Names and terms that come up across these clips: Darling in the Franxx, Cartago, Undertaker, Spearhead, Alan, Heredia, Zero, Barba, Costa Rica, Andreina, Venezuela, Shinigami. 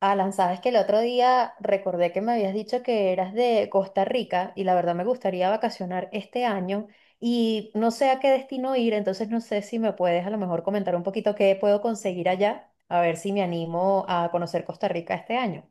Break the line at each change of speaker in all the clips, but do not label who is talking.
Alan, sabes que el otro día recordé que me habías dicho que eras de Costa Rica y la verdad me gustaría vacacionar este año y no sé a qué destino ir, entonces no sé si me puedes a lo mejor comentar un poquito qué puedo conseguir allá, a ver si me animo a conocer Costa Rica este año.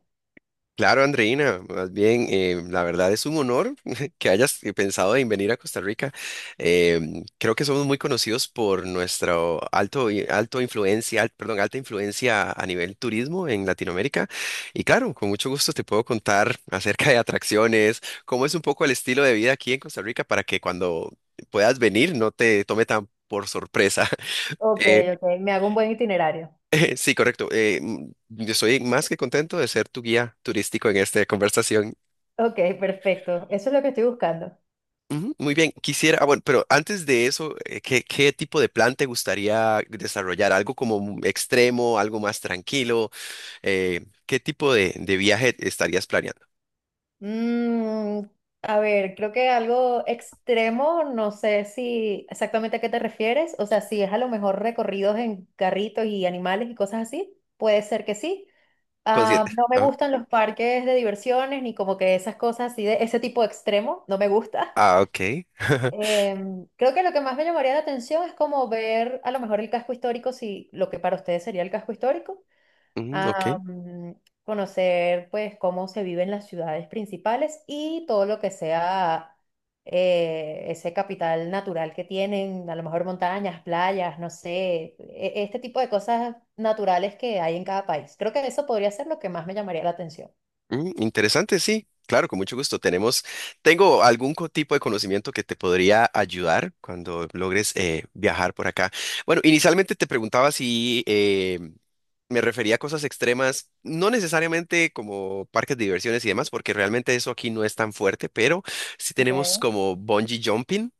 Claro, Andreina, más bien, la verdad es un honor que hayas pensado en venir a Costa Rica. Creo que somos muy conocidos por nuestra alto, i- alto influencia, perdón, alta influencia a nivel turismo en Latinoamérica. Y claro, con mucho gusto te puedo contar acerca de atracciones, cómo es un poco el estilo de vida aquí en Costa Rica para que cuando puedas venir no te tome tan por sorpresa.
Ok,
Eh,
ok, me hago un buen itinerario.
sí, correcto. Yo estoy más que contento de ser tu guía turístico en esta conversación.
Ok, perfecto, eso es lo que estoy buscando.
Ujú. Muy bien, quisiera, bueno, pero antes de eso, qué tipo de plan te gustaría desarrollar? ¿Algo como un extremo, algo más tranquilo? ¿Qué tipo de viaje estarías planeando?
Mm, a ver, creo que algo extremo, no sé si exactamente a qué te refieres, o sea, si es a lo mejor recorridos en carritos y animales y cosas así, puede ser que sí. Ah, no me
Ah,
gustan los parques de diversiones ni como que esas cosas así de ese tipo extremo, no me gusta.
ah, ok.
Creo que lo que más me llamaría la atención es como ver a lo mejor el casco histórico, si lo que para ustedes sería el casco histórico
Mm,
a
ok.
conocer pues cómo se vive en las ciudades principales y todo lo que sea ese capital natural que tienen, a lo mejor montañas, playas, no sé, este tipo de cosas naturales que hay en cada país. Creo que eso podría ser lo que más me llamaría la atención.
Mm, interesante, sí. Claro, con mucho gusto. Tengo tipo de conocimiento que te podría ayudar cuando logres viajar por acá. Bueno, inicialmente te preguntaba si me refería a cosas extremas, no necesariamente como parques de diversiones y demás, porque realmente eso aquí no es tan fuerte, pero sí tenemos
Okay.
como bungee jumping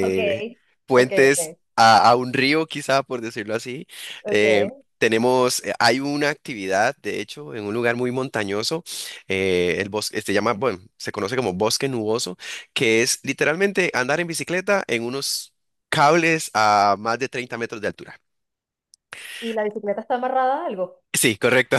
Ok, ok,
puentes
ok,
a un río, quizá por decirlo así.
ok.
Eh, hay una actividad, de hecho, en un lugar muy montañoso, el bosque, se llama, bueno, se conoce como bosque nuboso, que es literalmente andar en bicicleta en unos cables a más de 30 metros de altura.
¿Y la bicicleta está amarrada a algo?
Sí, correcto.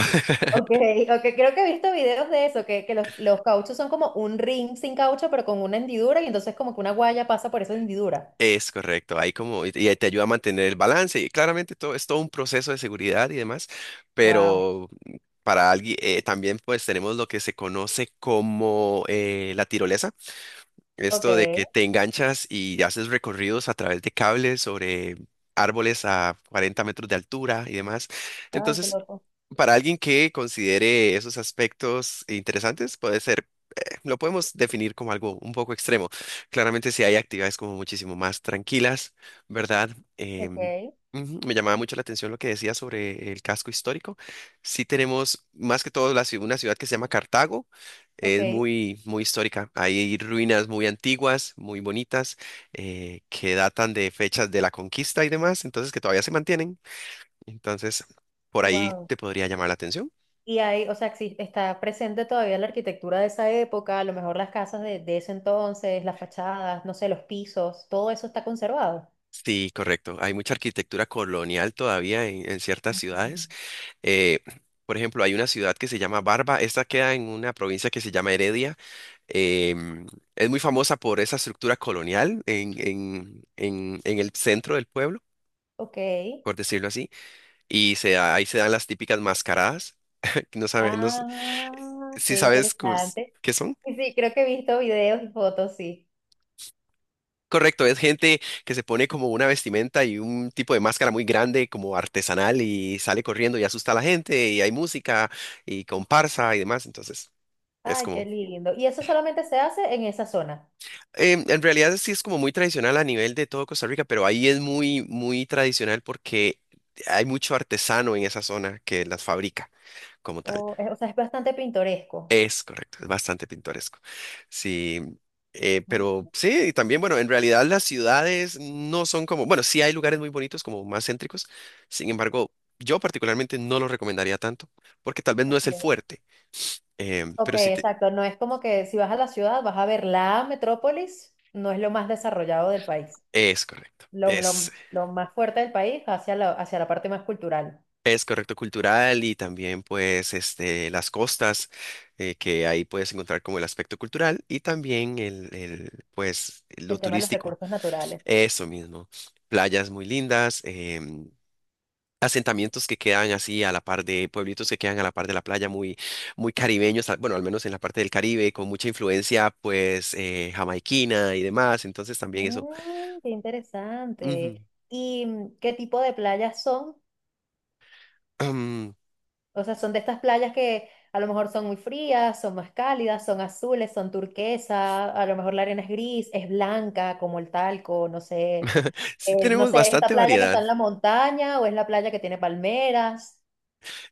Ok, ok, creo que he visto videos de eso, que los cauchos son como un ring sin caucho, pero con una hendidura, y entonces como que una guaya pasa por esa hendidura.
Es correcto. Ahí como, y te ayuda a mantener el balance. Y claramente todo es todo un proceso de seguridad y demás,
Wow,
pero para alguien, también pues tenemos lo que se conoce como la tirolesa.
ok,
Esto de
ay,
que te enganchas y haces recorridos a través de cables sobre árboles a 40 metros de altura y demás.
qué
Entonces,
loco.
para alguien que considere esos aspectos interesantes, puede ser lo podemos definir como algo un poco extremo. Claramente si hay actividades como muchísimo más tranquilas, ¿verdad? Em,
Ok,
ujú, me llamaba mucho la atención lo que decía sobre el casco histórico. Sí tenemos más que todo una ciudad que se llama Cartago. Es
ok,
muy, muy histórica. Hay ruinas muy antiguas, muy bonitas, que datan de fechas de la conquista y demás, entonces que todavía se mantienen. Entonces, por ahí
wow.
te podría llamar la atención.
Y ahí, o sea, está presente todavía la arquitectura de esa época, a lo mejor las casas de ese entonces, las fachadas, no sé, los pisos, todo eso está conservado.
Sí, correcto. Hay mucha arquitectura colonial todavía en ciertas
Ujú.
ciudades. Eh, por ejemplo, hay una ciudad que se llama Barba. Esta queda en una provincia que se llama Heredia. Em, es muy famosa por esa estructura colonial en el centro del pueblo,
Ok.
por decirlo así. Y ahí se dan las típicas mascaradas. No sabes,
Ah,
si
qué
sabes
interesante.
qué son.
Y sí, creo que he visto videos y fotos, sí.
Correcto, es gente que se pone como una vestimenta y un tipo de máscara muy grande, como artesanal, y sale corriendo y asusta a la gente, y hay música y comparsa y demás. Entonces, es
Ay, qué
como,
lindo. Y eso solamente se hace en esa zona.
en realidad sí es como muy tradicional a nivel de todo Costa Rica, pero ahí es muy, muy tradicional porque hay mucho artesano en esa zona que las fabrica como tal.
O, o sea, es bastante pintoresco.
Es correcto, es bastante pintoresco. Sí,
Mm,
pero sí, y también, bueno, en realidad las ciudades no son como, bueno, sí hay lugares muy bonitos, como más céntricos, sin embargo, yo particularmente no lo recomendaría tanto, porque tal vez no es el
ok.
fuerte,
Ok,
pero
exacto. No es como que si vas a la ciudad vas a ver la metrópolis, no es lo más desarrollado del país.
es correcto.
Lo, lo- lo más fuerte del país va hacia hacia la parte más cultural,
Es correcto cultural y también pues este, las costas, que ahí puedes encontrar como el aspecto cultural y también pues lo
el tema de los
turístico,
recursos naturales.
eso mismo playas muy lindas. Asentamientos que quedan así a la par de pueblitos que quedan a la par de la playa, muy, muy caribeños, bueno, al menos en la parte del Caribe, con mucha influencia pues jamaiquina y demás, entonces también eso.
Mm, qué
Ujú.
interesante. ¿Y qué tipo de playas son?
Am,
O sea, son de estas playas que a lo mejor son muy frías, son más cálidas, son azules, son turquesa, a lo mejor la arena es gris, es blanca como el talco, no sé,
sí
no
tenemos
sé, esta
bastante
playa que está
variedad,
en la montaña o es la playa que tiene palmeras.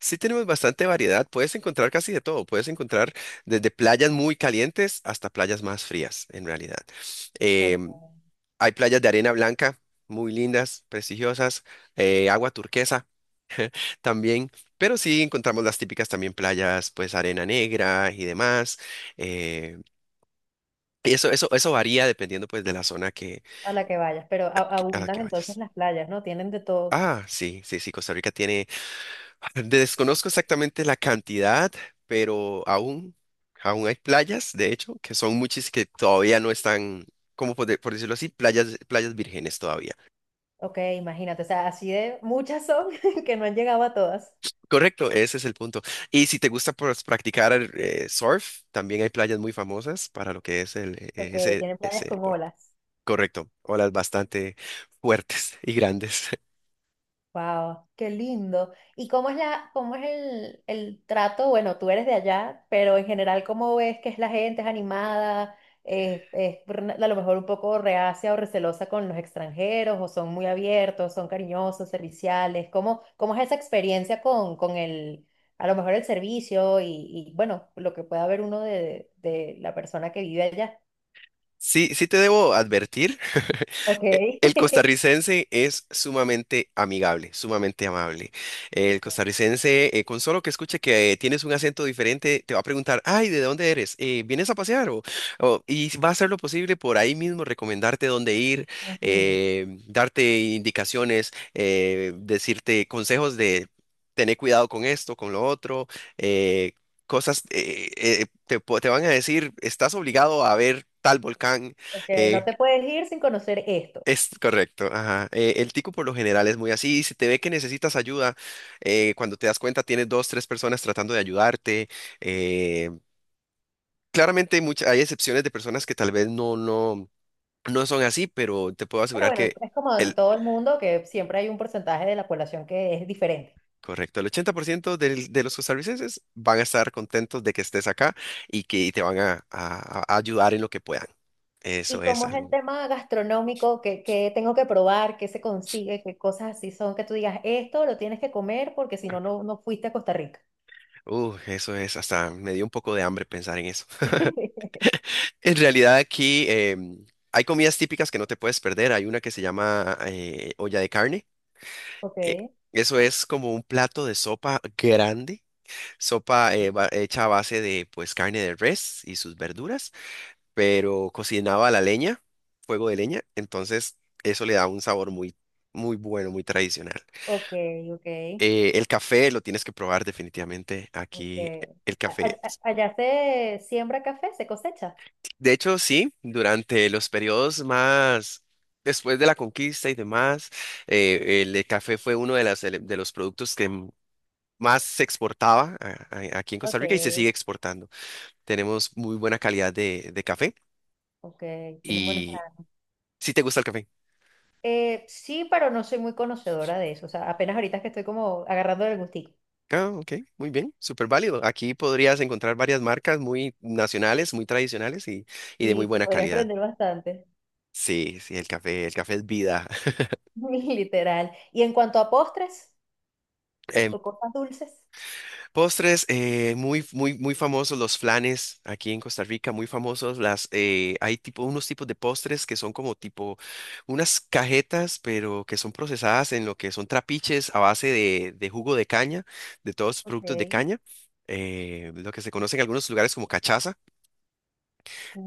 sí tenemos bastante variedad, puedes encontrar casi de todo, puedes encontrar desde playas muy calientes hasta playas más frías en realidad.
Ok.
Em, hay playas de arena blanca. Muy lindas, prestigiosas, agua turquesa, también, pero sí encontramos las típicas también playas, pues arena negra y demás. eh, eso varía dependiendo pues de la zona
A la que vayas, pero
que- a la que
abundan entonces
vayas.
las playas, ¿no? Tienen de todo.
Ah, sí, sí, sí, Costa Rica tiene, desconozco exactamente la cantidad, pero aún hay playas, de hecho, que son muchas que todavía no están, como por decirlo así, playas vírgenes todavía.
Ok, imagínate, o sea, así de muchas son que no han llegado a todas.
Correcto, ese es el punto. Y si te gusta pues, practicar surf, también hay playas muy famosas para lo que es
Ok, tienen playas
ese
con
deporte.
olas.
Correcto, olas bastante fuertes y grandes.
Wow, qué lindo. ¿Y cómo es la, cómo es el trato? Bueno, tú eres de allá, pero en general, ¿cómo ves que es la gente? ¿Es animada? ¿Es, a lo mejor un poco reacia o recelosa con los extranjeros? ¿O son muy abiertos? ¿Son cariñosos, serviciales? ¿Cómo, cómo es esa experiencia con el, a lo mejor el servicio y, bueno, lo que pueda ver uno de la persona que vive allá?
Sí, sí te debo advertir,
Ok.
el costarricense es sumamente amigable, sumamente amable. El costarricense, con solo que escuche que tienes un acento diferente, te va a preguntar, ay, ¿de dónde eres? ¿Vienes a pasear? Y va a hacer lo posible por ahí mismo recomendarte dónde ir,
Ujú.
darte indicaciones, decirte consejos de... Tener cuidado con esto, con lo otro, eh, te van a decir, estás obligado a ver tal volcán.
Ok, no
eh,
te puedes ir sin conocer esto.
es correcto, ajá. El tico por lo general es muy así. Si te ve que necesitas ayuda, cuando te das cuenta tienes dos, tres personas tratando de ayudarte. eh, claramente hay excepciones de personas que tal vez no son así, pero te puedo
Pero
asegurar
bueno,
que
es como en
el...
todo el mundo que siempre hay un porcentaje de la población que es diferente.
Correcto, el 80% de los costarricenses van a estar contentos de que estés acá y que te van a a- ayudar en lo que puedan.
¿Y
Eso es
cómo es el
algo.
tema gastronómico? ¿Qué, qué tengo que probar? ¿Qué se consigue? ¿Qué cosas así son que tú digas, esto lo tienes que comer porque si no, no fuiste a Costa Rica?
Eso es, hasta me dio un poco de hambre pensar en eso. En realidad aquí hay comidas típicas que no te puedes perder. Hay una que se llama olla de carne.
Ok,
Eh, eso es como un plato de sopa grande, sopa hecha a base de pues carne de res y sus verduras, pero cocinaba a la leña, fuego de leña. Entonces eso le da un sabor muy, muy bueno, muy tradicional.
ok, ok,
El café lo tienes que probar definitivamente
ok.
aquí. El café.
Allá se siembra café, se cosecha.
De hecho, sí, durante los periodos más después de la conquista y demás, el de café fue uno de, de los productos que más se exportaba aquí en Costa
Ok,
Rica y se sigue exportando. Tenemos muy buena calidad de café
ok, tienen buenos
y
planes.
si te gusta el café.
Sí, pero no soy muy conocedora de eso. O sea, apenas ahorita es que estoy como agarrando el gustico.
Ah, ok, muy bien, súper válido. Aquí podrías encontrar varias marcas muy nacionales, muy tradicionales y de muy
Sí, sí,
buena
podría
calidad.
aprender bastante.
Sí, sí, el café es vida.
Literal. Y en cuanto a postres o cosas dulces,
Postres, muy famosos los flanes aquí en Costa Rica, muy famosos. Hay tipo, unos tipos de postres que son como tipo unas cajetas, pero que son procesadas en lo que son trapiches a base de jugo de caña, de todos los
ok,
productos de caña, lo que se conoce en algunos lugares como cachaza.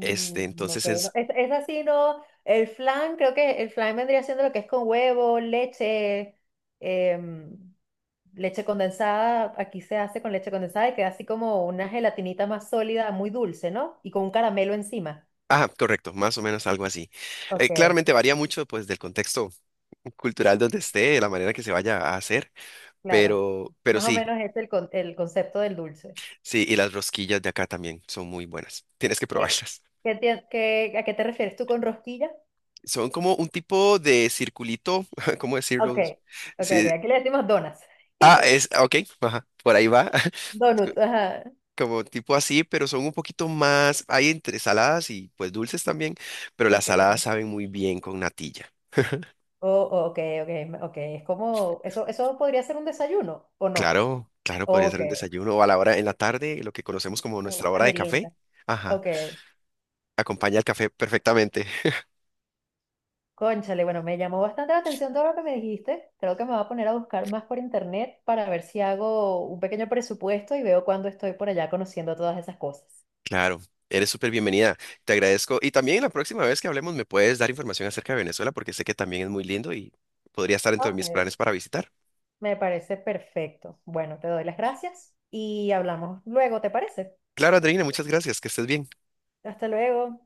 ok,
Entonces
no,
es,
es así, ¿no? El flan, creo que el flan vendría siendo lo que es con huevo, leche, em, leche condensada, aquí se hace con leche condensada y queda así como una gelatinita más sólida, muy dulce, ¿no? Y con un caramelo encima.
ah, correcto, más o menos algo así.
Ok,
Claramente varía mucho pues del contexto cultural donde esté, de la manera que se vaya a hacer.
claro.
Pero
Más o
sí,
menos es el, el concepto del dulce.
sí, y las rosquillas de acá también son muy buenas. Tienes que
¿Qué,
probarlas.
qué, a qué te refieres tú con rosquilla?
Son como un tipo de circulito, ¿cómo
Ok,
decirlo?
ok, ok.
Sí.
Aquí le decimos donas.
Ah, es, ah, ok, ajá, por ahí va. Es co-
Donut, ajá.
Como tipo así, pero son un poquito más, hay entre saladas y pues dulces también, pero las
Ok.
saladas saben muy bien con natilla.
Oh, oh, ok, ok, ok. Es como, eso podría ser un desayuno, ¿o no?
Claro, claro, podría
Ok,
ser un desayuno o a la hora en la tarde, lo que conocemos como
una
nuestra hora de café.
merienda.
Ajá,
Ok.
acompaña el café perfectamente.
Cónchale, bueno, me llamó bastante la atención todo lo que me dijiste. Creo que me voy a poner a buscar más por internet para ver si hago un pequeño presupuesto y veo cuándo estoy por allá conociendo todas esas cosas.
Claro, eres súper bienvenida. Te agradezco. Y también la próxima vez que hablemos me puedes dar información acerca de Venezuela porque sé que también es muy lindo y podría estar dentro de mis
Ok.
planes para visitar.
Me parece perfecto. Bueno, te doy las gracias y hablamos luego, ¿te parece?
Claro, Andreina, muchas gracias. Que estés bien.
Hasta luego.